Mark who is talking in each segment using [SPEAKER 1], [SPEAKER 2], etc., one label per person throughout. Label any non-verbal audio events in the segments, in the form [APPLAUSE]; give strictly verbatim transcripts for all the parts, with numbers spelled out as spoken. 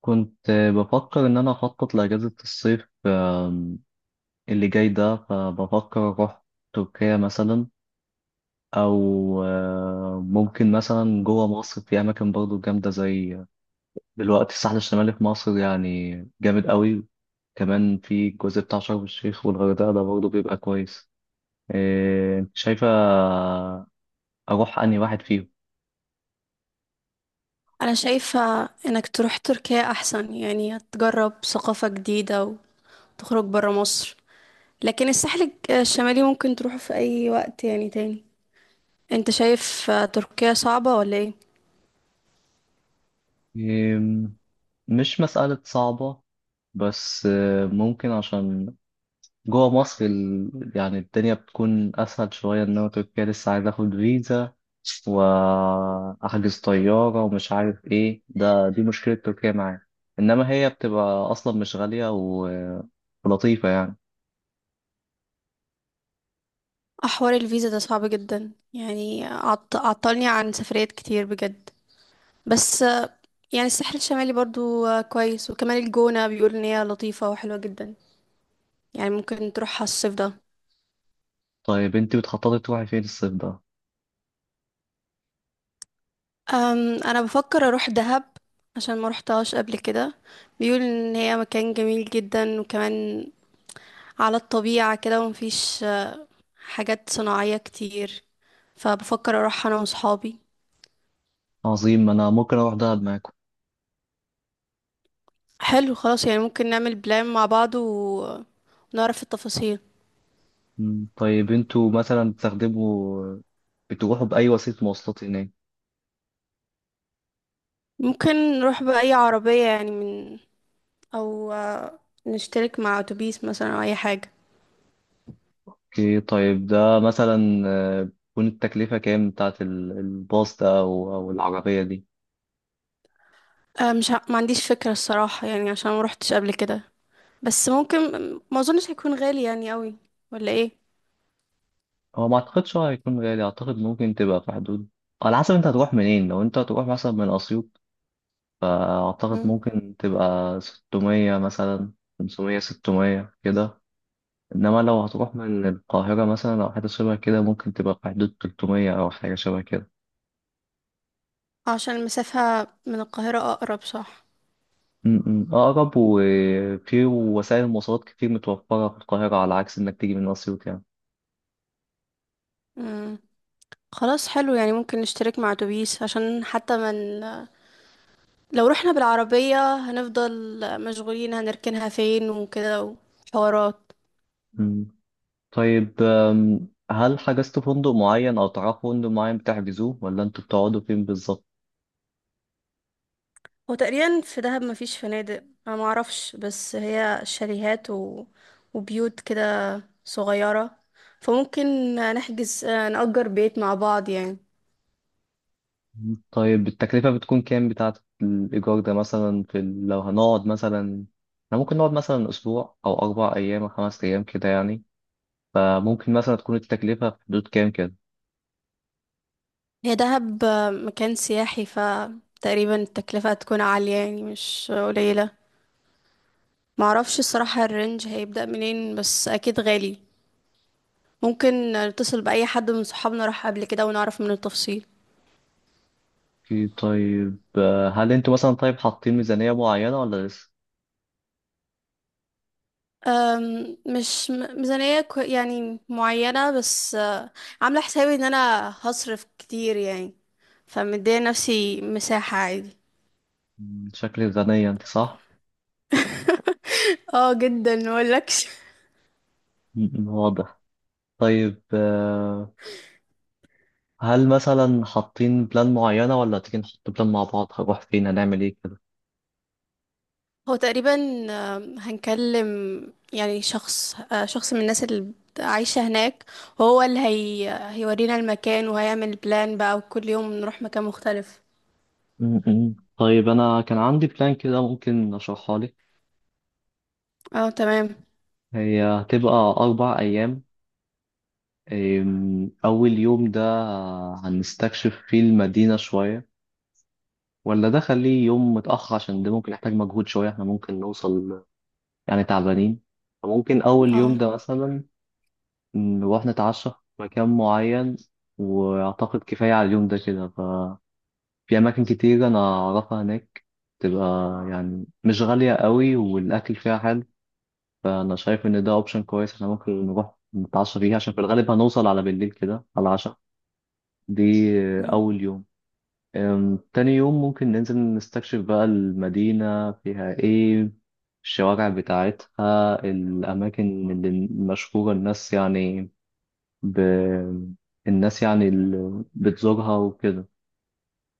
[SPEAKER 1] كنت بفكر إن أنا أخطط لأجازة الصيف آم، اللي جاي ده، فبفكر أروح تركيا مثلا، أو آه، ممكن مثلا جوه مصر في أماكن برضو جامدة، زي دلوقتي الساحل الشمالي في مصر يعني جامد قوي، كمان في الجزء بتاع شرم الشيخ والغردقة ده برضو بيبقى كويس. آه، أنت شايفة أروح أنهي واحد فيهم؟
[SPEAKER 2] انا شايفة انك تروح تركيا احسن، يعني تجرب ثقافة جديدة وتخرج برا مصر. لكن الساحل الج- الشمالي ممكن تروحه في اي وقت يعني تاني. انت شايف آه، تركيا صعبة ولا ايه؟
[SPEAKER 1] آم، مش مسألة صعبة، بس آه، ممكن عشان جوه مصر ال... يعني الدنيا بتكون أسهل شوية، إنما تركيا لسه عايز آخد فيزا وأحجز طيارة ومش عارف إيه، ده دي مشكلة تركيا معايا، إنما هي بتبقى أصلا مش غالية و... ولطيفة يعني.
[SPEAKER 2] احوار الفيزا ده صعب جدا يعني، عط- عطلني عن سفريات كتير بجد. بس آه، يعني الساحل الشمالي برضو آه، كويس، وكمان الجونة بيقول ان هي لطيفة وحلوة جدا، يعني ممكن تروحها الصيف ده.
[SPEAKER 1] طيب أنتوا بتخططي تروحي فين الصيف ده؟
[SPEAKER 2] أم، انا بفكر اروح دهب عشان ما روحتهاش قبل كده. بيقول ان هي مكان جميل جدا، وكمان على الطبيعة كده ومفيش آه، حاجات صناعية كتير، فبفكر اروح انا وصحابي.
[SPEAKER 1] عظيم، أنا ممكن أروح دهب معاكم.
[SPEAKER 2] حلو خلاص، يعني ممكن نعمل بلان مع بعض و- ونعرف التفاصيل.
[SPEAKER 1] مم، طيب أنتوا مثلا بتستخدموا بتروحوا بأي وسيلة مواصلات هناك؟
[SPEAKER 2] ممكن نروح بأي عربية يعني، من او آه، نشترك مع اتوبيس مثلا او اي حاجة.
[SPEAKER 1] أوكي، طيب ده مثلا آه، تكون التكلفة كام بتاعت ال- الباص ده أو أو العربية دي؟
[SPEAKER 2] آه، مش ع- ما عنديش فكرة الصراحة يعني، عشان ما روحتش قبل كده. بس ممكن، ما اظنش هيكون غالي يعني قوي، ولا ايه؟
[SPEAKER 1] هو ما اعتقدش هو هيكون غالي، اعتقد ممكن تبقى في حدود، على حسب انت هتروح منين. لو انت هتروح مثلا من اسيوط، فاعتقد
[SPEAKER 2] مم.
[SPEAKER 1] ممكن تبقى ستمية مثلا، خمسمية ستمية كده، انما لو هتروح من القاهرة مثلا او حاجة شبه كده ممكن تبقى في حدود تلتمية او حاجة شبه كده.
[SPEAKER 2] عشان المسافة من القاهرة اقرب، صح؟
[SPEAKER 1] م- م. اقرب، وفي وسائل المواصلات كتير متوفرة في القاهرة على عكس انك تيجي من اسيوط يعني.
[SPEAKER 2] مم. خلاص حلو، يعني ممكن نشترك مع اتوبيس، عشان حتى من، لو رحنا بالعربية هنفضل مشغولين هنركنها فين وكده وحوارات.
[SPEAKER 1] م. طيب أم، هل حجزت فندق معين او تعرفوا فندق معين بتحجزوه، ولا انتوا بتقعدوا فين بالظبط؟
[SPEAKER 2] هو تقريبا في دهب مفيش فنادق، انا معرفش، بس هي شاليهات و... وبيوت كده صغيرة، فممكن نحجز نأجر بيت مع بعض يعني.
[SPEAKER 1] طيب التكلفة بتكون كام بتاعة الإيجار ده مثلا في ال- لو هنقعد مثلا، احنا ممكن نقعد مثلا أسبوع أو أربع أيام أو خمس أيام كده يعني، فممكن مثلا تكون التكلفة في حدود كام كده؟
[SPEAKER 2] هي دهب مكان سياحي، فتقريبا التكلفة هتكون عالية يعني، مش قليلة. معرفش الصراحة الرينج هيبدأ منين، بس أكيد غالي. ممكن نتصل بأي حد من صحابنا راح قبل كده ونعرف منه التفصيل.
[SPEAKER 1] أوكي، طيب آه، هل انتوا مثلا، طيب، حاطين ميزانية معينة ولا لسه؟
[SPEAKER 2] أم، مش م- ميزانية كو- يعني معينة، بس أه، عاملة حسابي إن أنا هصرف كتير يعني، فمدية نفسي مساحة عادي.
[SPEAKER 1] مم، شكل الميزانية انت صح؟
[SPEAKER 2] [LAUGHS] اه جدا مقولكش.
[SPEAKER 1] مم، واضح. طيب آه، هل مثلا حاطين بلان معينة، ولا تيجي نحط بلان مع بعض، هنروح فين هنعمل ايه كده؟
[SPEAKER 2] هو تقريبا آم، هنكلم يعني شخص، آه، شخص من الناس اللي بت- عايشة هناك، هو اللي هي آه، هيورينا المكان وهيعمل بلان بقى، وكل يوم نروح مكان مختلف.
[SPEAKER 1] مم، مم. طيب أنا كان عندي بلان كده، ممكن أشرحها لك.
[SPEAKER 2] اه تمام.
[SPEAKER 1] هي هتبقى أربع أيام. أم، أول يوم ده هنستكشف فيه المدينة شوية، ولا ده خليه يوم متأخر عشان ده ممكن يحتاج مجهود شوية، احنا ممكن نوصل يعني تعبانين. فممكن أول يوم
[SPEAKER 2] اه.
[SPEAKER 1] ده مثلا نروح نتعشى في مكان معين، وأعتقد كفاية على اليوم ده كده، ففي أماكن كتير أنا أعرفها هناك تبقى يعني مش غالية قوي والأكل فيها حلو، فانا شايف ان ده اوبشن كويس، احنا ممكن نروح نتعشى فيه عشان في الغالب هنوصل على بالليل كده، على العشاء دي. آه،
[SPEAKER 2] مم.
[SPEAKER 1] اول يوم. أم، تاني يوم ممكن ننزل نستكشف بقى المدينة فيها ايه، الشوارع بتاعتها، الاماكن اللي مشهورة، الناس يعني ب... الناس يعني اللي بتزورها وكده.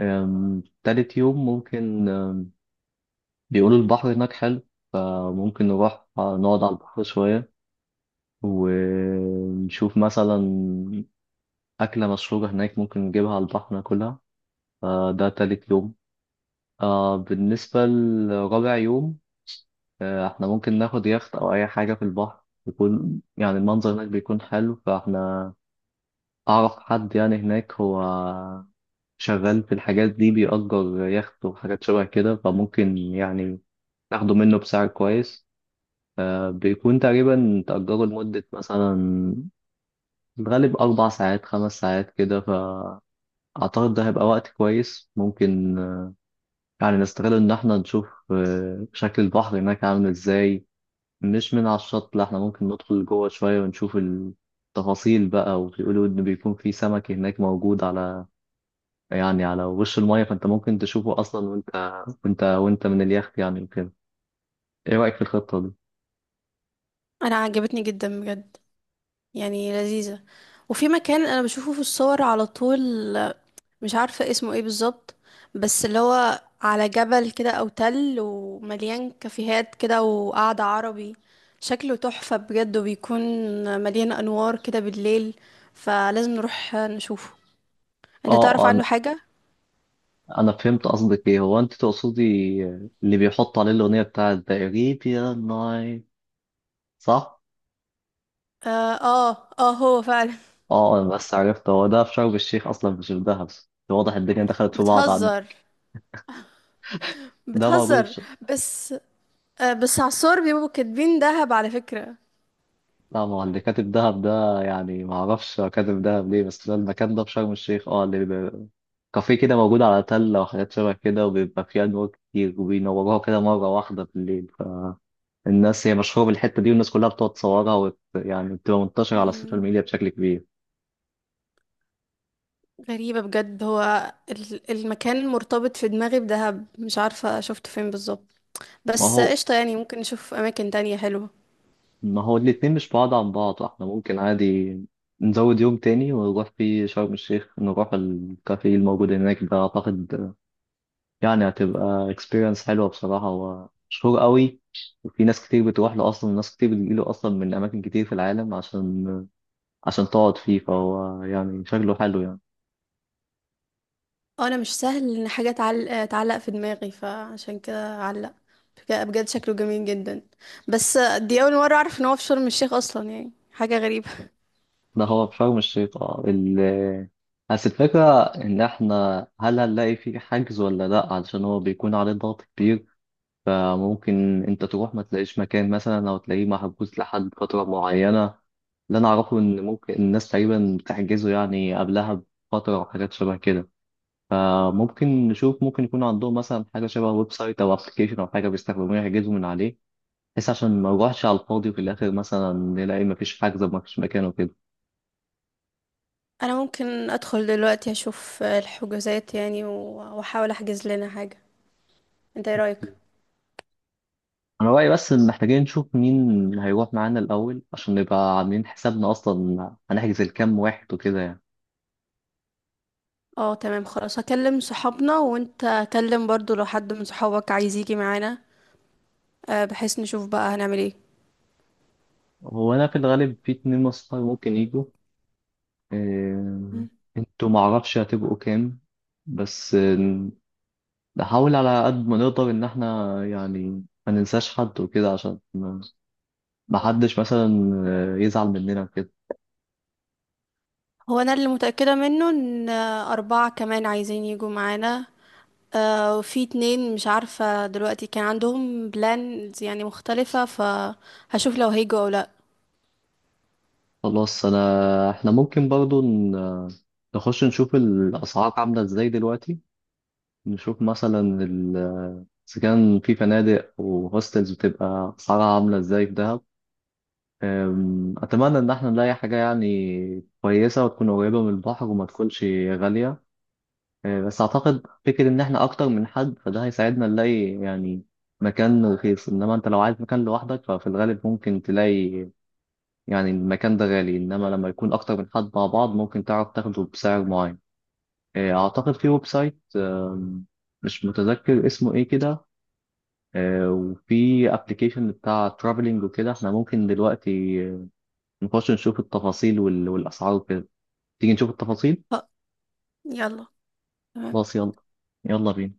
[SPEAKER 1] أم، تالت يوم ممكن، أم، بيقولوا البحر هناك حلو، فممكن نروح نقعد على البحر شوية، ونشوف مثلا أكلة مشهورة هناك ممكن نجيبها على البحر ناكلها. فده تالت يوم. آه بالنسبة لرابع يوم، آه احنا ممكن ناخد يخت أو أي حاجة في البحر، يكون يعني المنظر هناك بيكون حلو، فاحنا أعرف حد يعني هناك، هو شغال في الحاجات دي، بيأجر يخت وحاجات شبه كده، فممكن يعني ناخده منه بسعر كويس. آه بيكون تقريبا تأجره لمدة مثلا في الغالب أربع ساعات خمس ساعات كده، فأعتقد ده هيبقى وقت كويس، ممكن آه، يعني نستغل إن إحنا نشوف آه، شكل البحر هناك عامل إزاي. مش من على الشط، لا، إحنا ممكن ندخل جوه شوية ونشوف التفاصيل بقى، وبيقولوا إن بيكون في سمك هناك موجود على يعني على وش المية، فأنت ممكن تشوفه أصلا وأنت وأنت وأنت من اليخت يعني وكده. إيه رأيك في الخطة دي؟
[SPEAKER 2] انا عجبتني جدا بجد، يعني لذيذة. وفي مكان انا بشوفه في الصور على طول، مش عارفة اسمه ايه بالظبط، بس اللي هو على جبل كده او تل، ومليان كافيهات كده وقعدة عربي، شكله تحفة بجد، وبيكون مليان انوار كده بالليل، فلازم نروح نشوفه. انت
[SPEAKER 1] آه
[SPEAKER 2] تعرف
[SPEAKER 1] آه، أنا
[SPEAKER 2] عنه حاجة؟
[SPEAKER 1] أنا فهمت قصدك إيه، هو أنت تقصدي اللي بيحط عليه الأغنية بتاعت The Arabian Night صح؟
[SPEAKER 2] اه. اه, آه هو فعلا.
[SPEAKER 1] اه آه، بس عرفت هو ده في شرم الشيخ اصلا مش في دهب، واضح الدنيا دخلت
[SPEAKER 2] [LAUGHS]
[SPEAKER 1] في بعض عنده.
[SPEAKER 2] بتهزر،
[SPEAKER 1] ده موجود في
[SPEAKER 2] بتهزر.
[SPEAKER 1] ش...
[SPEAKER 2] بس آه، بس على الصور بيبقوا كاتبين دهب على فكرة.
[SPEAKER 1] لا، ما هو اللي كاتب دهب ده يعني ما اعرفش هو كاتب دهب ليه، بس ده المكان ده في شرم الشيخ، اه اللي بيبقى كافيه كده موجود على تلة وحاجات شبه كده، وبيبقى فيه أنوار كتير وبينوروها كده مرة واحدة بالليل، فالناس هي مشهورة بالحتة دي، والناس كلها بتقعد تصورها وت... يعني بتبقى منتشرة على السوشيال
[SPEAKER 2] مم.
[SPEAKER 1] ميديا بشكل كبير.
[SPEAKER 2] غريبة بجد، هو ال- المكان مرتبط في دماغي بدهب، مش عارفة شفته فين بالظبط.
[SPEAKER 1] ما
[SPEAKER 2] بس
[SPEAKER 1] هو
[SPEAKER 2] قشطة، يعني ممكن نشوف أماكن تانية حلوة.
[SPEAKER 1] ما هو الاتنين مش بعاد عن بعض، احنا ممكن عادي نزود يوم تاني ونروح فيه شرم الشيخ، نروح الكافيه الموجود هناك ده. اعتقد يعني هتبقى experience حلوة بصراحة، هو مشهور قوي وفي ناس كتير بتروح له اصلا، وناس كتير بتجيله اصلا من اماكن كتير في العالم عشان عشان تقعد فيه، فهو يعني شكله حلو يعني.
[SPEAKER 2] آه، أنا مش سهل إن حاجة تعلق، تعلق في دماغي، فعشان كده علق بجد بجد. شكله جميل جدا، بس دي أول مرة أعرف إن هو في شرم الشيخ أصلا، يعني حاجة غريبة.
[SPEAKER 1] ده هو في شرم الشيخ، اه ال بس الفكرة إن إحنا هل هنلاقي فيه حجز ولا لأ، علشان هو بيكون عليه ضغط كبير، فممكن انت تروح ما تلاقيش مكان مثلا، او تلاقيه محجوز لحد فترة معينة. اللي انا اعرفه ان ممكن الناس تقريبا بتحجزه يعني قبلها بفترة او حاجات شبه كده، فممكن نشوف ممكن يكون عندهم مثلا حاجة شبه ويب سايت او ابلكيشن او حاجة بيستخدموها يحجزوا من عليه، بس عشان ما نروحش على الفاضي وفي الاخر مثلا نلاقي مفيش حجز ومفيش مكان وكده.
[SPEAKER 2] أنا ممكن أدخل دلوقتي أشوف الحجوزات يعني، و- وأحاول أحجز لنا حاجة. أنت إيه رأيك؟
[SPEAKER 1] انا رايي بس ان محتاجين نشوف مين هيروح معانا الاول، عشان نبقى عاملين حسابنا اصلا هنحجز لكام واحد وكده يعني.
[SPEAKER 2] اه تمام خلاص، هكلم صحابنا، وانت كلم برضو لو حد من صحابك عايز يجي معانا. آه، بحيث نشوف بقى هنعمل ايه.
[SPEAKER 1] هو انا في الغالب في اتنين مصنع ممكن يجوا. آه،
[SPEAKER 2] مم.
[SPEAKER 1] انتوا معرفش هتبقوا كام، بس آه، نحاول على قد ما نقدر ان احنا يعني ما ننساش حد وكده، عشان ما ما حدش مثلا آه، يزعل مننا وكده.
[SPEAKER 2] هو انا اللي متأكدة منه ان آه، اربعة كمان عايزين يجوا معانا. آه، وفي اتنين مش عارفة دلوقتي كان عندهم بلانز يعني مختلفة، فهشوف لو هيجوا او لا.
[SPEAKER 1] خلاص، انا احنا ممكن برضو ن- آه، نخش نشوف الاسعار عاملة ازاي دلوقتي، نشوف مثلا ال- آه، اذا كان في فنادق وهوستلز بتبقى اسعارها عاملة ازاي في دهب. أم، أتمنى إن احنا نلاقي حاجة يعني كويسة وتكون قريبة من البحر وما تكونش غالية. أه، بس أعتقد فكرة إن احنا أكتر من حد فده هيساعدنا نلاقي يعني مكان رخيص، إنما أنت لو عايز مكان لوحدك ففي الغالب ممكن تلاقي يعني المكان ده غالي، إنما لما يكون أكتر من حد مع بعض ممكن تعرف تاخده بسعر معين. أه، أعتقد في ويب سايت، أم، مش متذكر اسمه إيه كده، أه، وفي أبلكيشن بتاع ترافلينج وكده، احنا ممكن دلوقتي نخش نشوف التفاصيل وال... والأسعار وكده. تيجي نشوف التفاصيل.
[SPEAKER 2] ف- يلا، تمام.
[SPEAKER 1] خلاص، يلا يلا بينا.